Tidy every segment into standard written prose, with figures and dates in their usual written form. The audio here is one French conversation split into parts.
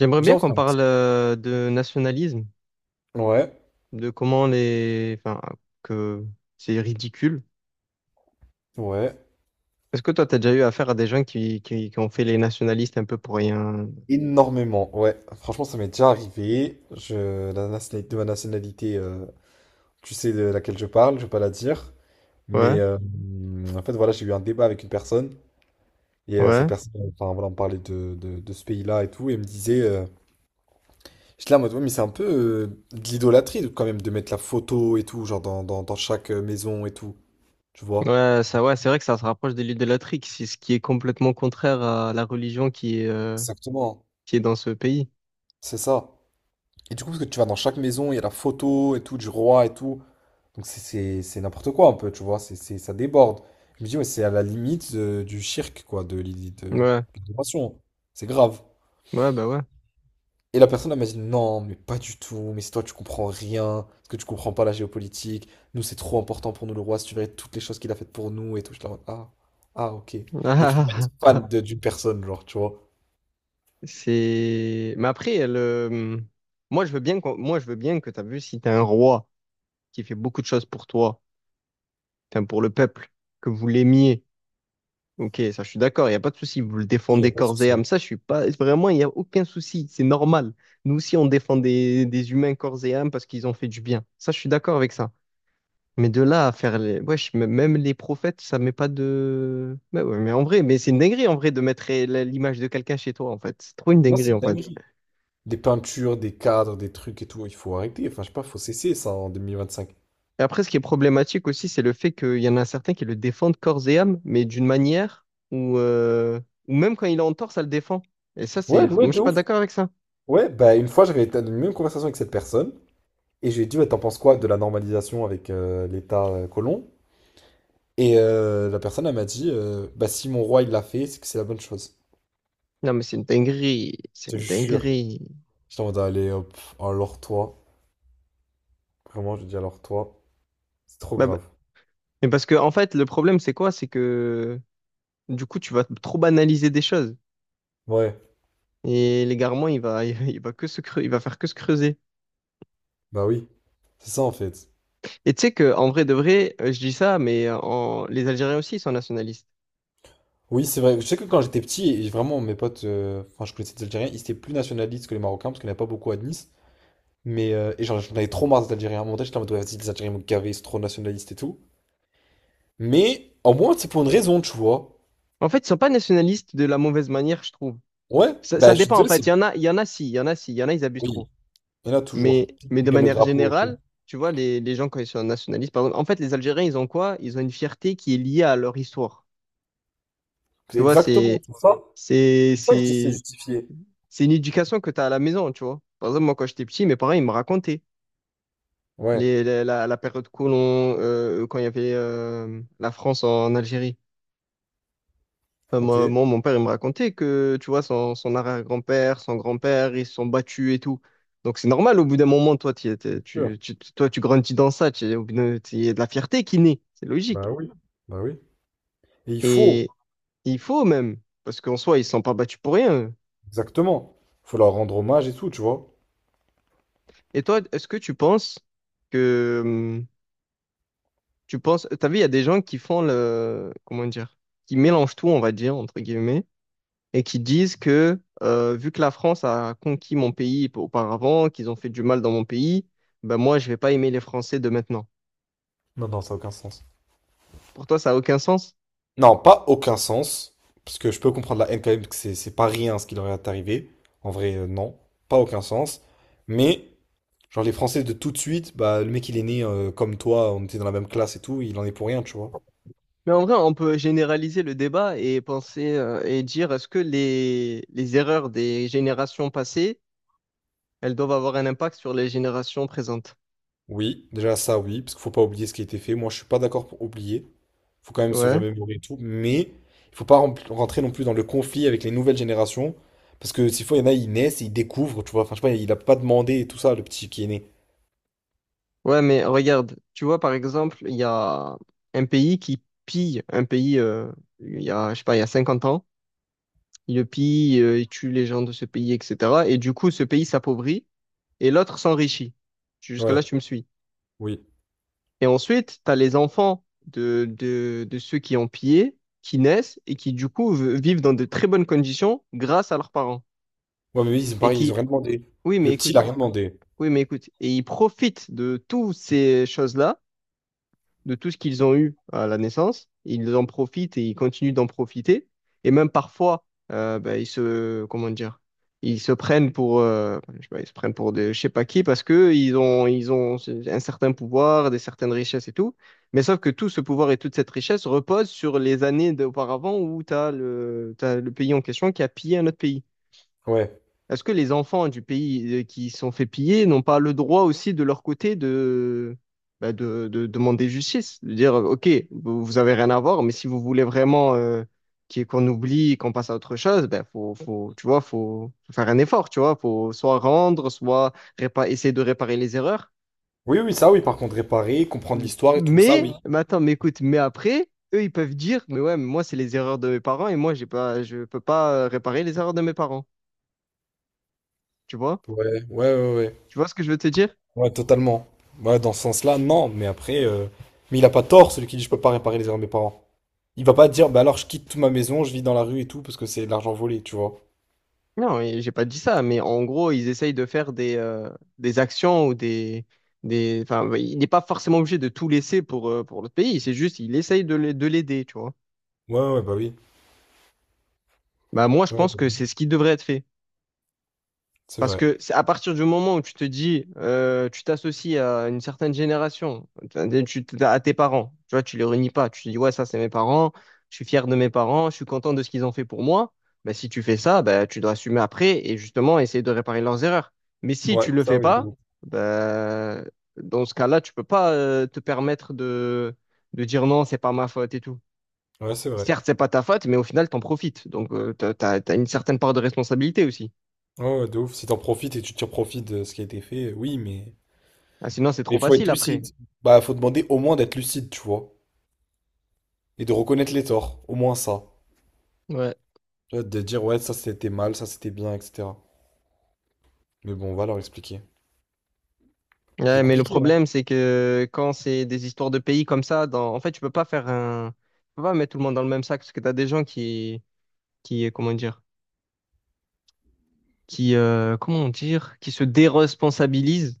J'aimerais Bien bien en qu'on France. parle de nationalisme, Ouais, de comment les... Enfin, que c'est ridicule. ouais. Est-ce que toi, t'as déjà eu affaire à des gens qui ont fait les nationalistes un peu pour rien? Énormément, ouais. Franchement, ça m'est déjà arrivé. De ma nationalité, tu sais de laquelle je parle, je vais pas la dire. Mais Ouais, en fait, voilà, j'ai eu un débat avec une personne. Et cette ouais, personne, enfin, voilà, on parlait de ce pays-là et tout. Et elle me disait, j'étais là en mode, ouais, mais c'est un peu de l'idolâtrie quand même de mettre la photo et tout, genre dans chaque maison et tout. Tu vois? ouais, ça, ouais, c'est vrai que ça se rapproche de l'idolâtrie, qui- c'est ce qui est complètement contraire à la religion Exactement, qui est dans ce pays. c'est ça. Et du coup, parce que tu vas dans chaque maison, il y a la photo et tout, du roi et tout. Donc c'est n'importe quoi un peu, tu vois, ça déborde. Je me dis, ouais, c'est à la limite du cirque, quoi, de l'idée de Ouais, l'adoration. C'est grave. ouais, bah ouais. Et la personne, elle m'a dit, non, mais pas du tout, mais c'est toi, tu comprends rien, parce que tu comprends pas la géopolitique. Nous, c'est trop important pour nous, le roi, si tu verrais toutes les choses qu'il a faites pour nous et tout. Je suis là, en mode, ah, ah, ok. Mais tu peux pas être fan d'une personne, genre, tu vois. C'est... Mais après, le... Moi, je veux bien qu'on- moi, je veux bien que t'as vu si t'as un roi qui fait beaucoup de choses pour toi enfin, pour le peuple, que vous l'aimiez. Ok, ça, je suis d'accord, il n'y a pas de souci. Vous le Il y a défendez pas de corps et souci. âme. Ça, je suis pas. Vraiment, il n'y a aucun souci. C'est normal. Nous aussi, on défend des humains corps et âme parce qu'ils ont fait du bien. Ça, je suis d'accord avec ça. Mais de là à faire les. Wesh, m- même les prophètes, ça met pas de. Mais, ouais, mais en vrai, mais c'est une dinguerie en vrai de mettre la- l'image de quelqu'un chez toi, en fait. C'est trop une Non, c'est dinguerie, une en fait. dinguerie. Des peintures, des cadres, des trucs et tout, il faut arrêter. Enfin, je sais pas, faut cesser ça en 2025. Et après, ce qui est problématique aussi, c'est le fait qu'il y en a certains qui le défendent corps et âme, mais d'une manière où, où même quand il est en tort, ça le défend. Et ça, Ouais, c'est, moi, ouais, je de suis pas ouf. d'accord avec ça. Ouais, bah une fois une même conversation avec cette personne et je lui ai dit ouais, t'en penses quoi de la normalisation avec l'État colon? Et la personne elle m'a dit bah si mon roi il l'a fait c'est que c'est la bonne chose. Non, mais c'est une dinguerie, c'est Je te une jure. dinguerie. J'étais en mode allez hop, alors toi, vraiment je dis alors toi, c'est trop Bah, bah, grave. mais parce que, en fait, le problème, c'est quoi? C'est que, du coup, tu vas trop banaliser des choses. Ouais, Et l'égarement, il va, il va que se creu- il va faire que se creuser. bah oui, c'est ça en fait. Et tu sais que, en vrai de vrai, je dis ça, mais en, les Algériens aussi, ils sont nationalistes. Oui, c'est vrai, je sais que quand j'étais petit et vraiment mes potes, enfin je connaissais des Algériens, ils étaient plus nationalistes que les Marocains parce qu'il n'y en avait pas beaucoup à Nice, mais et genre j'en avais trop marre des Algériens à mon moment, j'étais en mode ouais vas-y les Algériens m'ont gavé, c'est trop nationaliste et tout. Mais au moins, c'est pour une raison, tu vois. En fait, ils sont pas nationalistes de la mauvaise manière, je trouve. Ouais, Ça bah je suis dépend, en désolé, c'est. fait. Il y en a, il y en a si, il y en a si, il y en a, ils abusent Oui, trop. il y en a toujours. Qui Mais de gagne le manière drapeau et tout. générale, tu vois, les gens, quand ils sont nationalistes, par exemple, en fait, les Algériens, ils ont quoi? Ils ont une fierté qui est liée à leur histoire. C'est Tu vois, exactement, tout ça. C'est c'est, pour ça que je dis, que c'est c'est, justifié. c'est une éducation que tu as à la maison, tu vois. Par exemple, moi, quand j'étais petit, mes parents, ils me racontaient Ouais, les, la- la période colon, quand il y avait la France en Algérie. Euh, ok. moi, moi, mon père, il me racontait que, tu vois, son, son arrière-grand-père, son grand-père, ils se sont battus et tout. Donc, c'est normal, au bout d'un moment, toi, t'y étais- Sûr. tu- toi, tu grandis dans ça, tu- au bout d'un- il y a de la fierté qui naît, c'est logique. Bah oui, bah oui. Et il faut, Et il faut même, parce qu'en soi, ils ne se sont pas battus pour rien. Eux. exactement. Il faut leur rendre hommage et tout, tu vois. Et toi, est-ce que, tu penses, t'as vu, il y a des gens qui font le, comment dire, qui mélangent tout, on va dire, entre guillemets, et qui disent que vu que la France a conquis mon pays auparavant, qu'ils ont fait du mal dans mon pays, ben moi je vais pas aimer les Français de maintenant. Non, non, ça n'a aucun sens. Pour toi, ça a aucun sens? Non, pas aucun sens. Parce que je peux comprendre la haine quand même, que c'est pas rien ce qui leur est arrivé. En vrai, non. Pas aucun sens. Mais. Genre les Français de tout de suite, bah le mec il est né comme toi, on était dans la même classe et tout, il en est pour rien, tu vois. Mais en vrai, on peut généraliser le débat et penser et dire est-ce que les erreurs des générations passées, elles doivent avoir un impact sur les générations présentes? Oui, déjà ça oui, parce qu'il faut pas oublier ce qui a été fait. Moi je suis pas d'accord pour oublier, faut quand même se Ouais. remémorer et tout, mais il faut pas rentrer non plus dans le conflit avec les nouvelles générations, parce que s'il faut, il y en a, ils naissent et ils découvrent, tu vois. Enfin je sais pas, il a pas demandé et tout ça, le petit qui est né. Ouais, mais regarde, tu vois, par exemple, il y a un pays qui pille un pays, il y a, je sais pas, il y a 50 ans, il le pille, il tue les gens de ce pays, etc. Et du coup, ce pays s'appauvrit et l'autre s'enrichit. Ouais, Jusque-là, tu me suis. oui. Et ensuite, tu as les enfants de ceux qui ont pillé, qui naissent et qui, du coup, v- vivent dans de très bonnes conditions grâce à leurs parents. Ouais mais oui, c'est Et pareil, ils qui, ont rien demandé. oui, mais Le petit il a écoute, rien demandé. oui, mais écoute. Et ils profitent de toutes ces choses-là de tout ce qu'ils ont eu à la naissance. Ils en profitent et ils continuent d'en profiter. Et même parfois, bah, ils se, comment dire, ils se prennent pour, je sais pas, ils se prennent pour des, je sais pas qui parce que ils ont un certain pouvoir, des certaines richesses et tout. Mais sauf que tout ce pouvoir et toute cette richesse repose sur les années d'auparavant où tu as le, t'as le pays en question qui a pillé un autre pays. Ouais. Est-ce que les enfants du pays qui se sont fait piller n'ont pas le droit aussi de leur côté de, bah, de demander justice? De dire, OK, vous vous avez rien à voir, mais si vous voulez vraiment qu'il- qu'on oublie, qu'on passe à autre chose, ben faut, faut, tu vois, faut faire un effort, tu vois, faut soit rendre, soit répa- essayer de réparer les erreurs. Oui, oui, ça oui, par contre, réparer, comprendre l'histoire et tout, ça oui. Mais attends, mais écoute, mais après, eux, ils peuvent dire, mais ouais, mais moi, c'est les erreurs de mes parents et moi, j'ai pas, je peux pas réparer les erreurs de mes parents. Tu vois? Ouais, ouais, ouais, ouais. Tu vois ce que je veux te dire? Ouais, totalement. Ouais, dans ce sens-là, non. Mais après, mais il a pas tort, celui qui dit je peux pas réparer les erreurs de mes parents. Il va pas dire, bah alors je quitte toute ma maison, je vis dans la rue et tout, parce que c'est de l'argent volé, tu vois. Non, et j'ai pas dit ça, mais en gros, ils essayent de faire des actions ou des, enfin, bah, il n'est pas forcément obligé de tout laisser pour l'autre pays. C'est juste, il essaye de l'a- de l'aider, tu vois. Ouais, ouais, bah oui. Bah, moi, je pense que Ouais, c'est ce qui devrait être fait. c'est Parce vrai. que c'est à partir du moment où tu te dis, tu t'associes à une certaine génération, tu- à tes parents, tu vois, tu les réunis pas, tu te dis, ouais, ça c'est mes parents, je suis fier de mes parents, je suis content de ce qu'ils ont fait pour moi. Bah, si tu fais ça, bah, tu dois assumer après et justement essayer de réparer leurs erreurs. Mais si Ouais, tu le ça fais oui, de pas, ouf. bah, dans ce cas-là, tu peux pas te permettre de dire non, c'est pas ma faute et tout. Ouais, c'est vrai. Certes, c'est pas ta faute, mais au final, t'en profites. Donc, tu t'as, t'as une certaine part de responsabilité aussi. Ouais, ouais, de ouf. Si t'en profites et tu tires profit de ce qui a été fait, oui, mais. Ah, sinon, c'est trop Mais faut facile être lucide. après. Bah, faut demander au moins d'être lucide, tu vois. Et de reconnaître les torts, au moins ça. Ouais. Tu vois, de dire, ouais, ça c'était mal, ça c'était bien, etc. Mais bon, on va leur expliquer. C'est Ouais, mais le compliqué, hein. problème, c'est que quand c'est des histoires de pays comme ça, dans... en fait, tu peux pas faire un... Tu peux pas mettre tout le monde dans le même sac, parce que tu as des gens qui, comment dire, qui, comment dire, qui se déresponsabilisent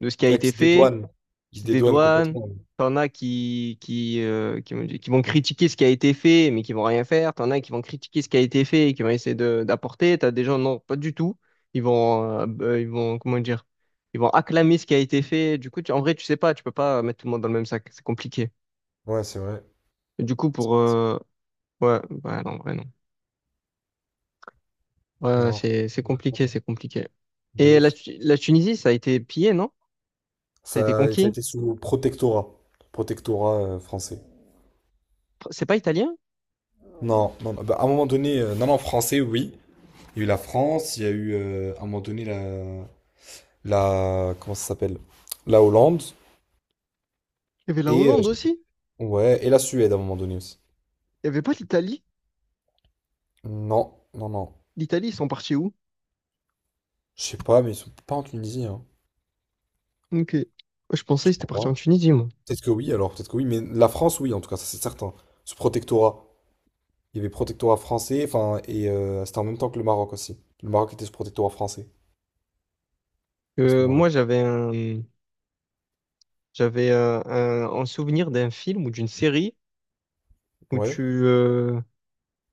de ce qui a Ah, qui été se fait dédouane. Il qui se se dédouane dédouanent, complètement. t'en as qui vont qui vont critiquer ce qui a été fait, mais qui vont rien faire, t'en as qui vont critiquer ce qui a été fait et qui vont essayer de- d'apporter, t'as des gens, non, pas du tout, ils vont, comment dire, ils vont acclamer ce qui a été fait, du coup, tu- en vrai, tu sais pas, tu peux pas mettre tout le monde dans le même sac, c'est compliqué. Ouais, c'est vrai. Et du coup, C'est- pour, c'est- ouais, bah non, en vrai, non. Ouais, ouais, Non, c'est compliqué, c'est compliqué. de Et la, ouf. Tu- la Tunisie, ça a été pillé, non? Ça a été Ça a conquis? été sous protectorat. Protectorat français. C'est pas italien? Non, non, non. Bah, à un moment donné, non, non, français, oui. Il y a eu la France, il y a eu à un moment donné la, comment ça s'appelle? La Hollande Il y avait la et Hollande aussi. Ouais et la Suède à un moment donné aussi. Il y avait pas l'Italie. Non, non, non. L'Italie, ils sont partis où? Je sais pas, mais ils sont pas en Tunisie, hein. Ok. Moi, je pensais Je qu'ils étaient crois partis en pas. Tunisie, moi. Peut-être que oui, alors peut-être que oui, mais la France, oui, en tout cas, ça c'est certain. Ce protectorat. Il y avait protectorat français, enfin, et c'était en même temps que le Maroc aussi. Le Maroc était sous protectorat français à ce Euh, moment-là. moi, j'avais un, j'avais un souvenir d'un film ou d'une série où Ouais, tu, euh,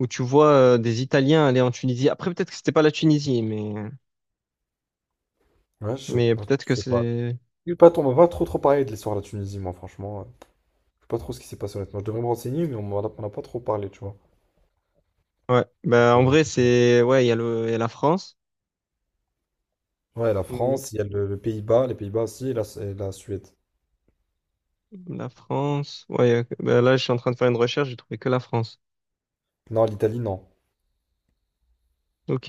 où tu vois des Italiens aller en Tunisie. Après, peut-être que c'était pas la Tunisie, ouais, je sais mais pas, peut-être je que sais pas. c'est. On m'a pas trop trop parlé de l'histoire de la Tunisie, moi, franchement. Je sais pas trop ce qui s'est passé, honnêtement. Je devrais me renseigner, mais on a pas trop parlé, tu vois. Ouais. Bah, Euh, en vrai, c'est. Ouais, il y a le, il y a la France. Ouais, la France, il y a le Pays-Bas, les Pays-Bas aussi, et et la Suède. La France. Ouais, ok. Ben là, je suis en train de faire une recherche, j'ai trouvé que la France. Non, l'Italie, non. Ok.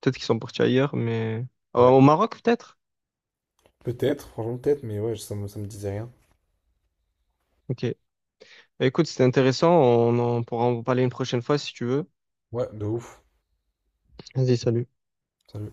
Peut-être qu'ils sont partis ailleurs, mais. Ouais. Au Maroc, peut-être? Peut-être, franchement, peut-être, mais ouais, ça me disait rien. Ok. Ben écoute, c'était intéressant. On en pourra en parler une prochaine fois si tu veux. Ouais, de ouf. Vas-y, salut. Salut.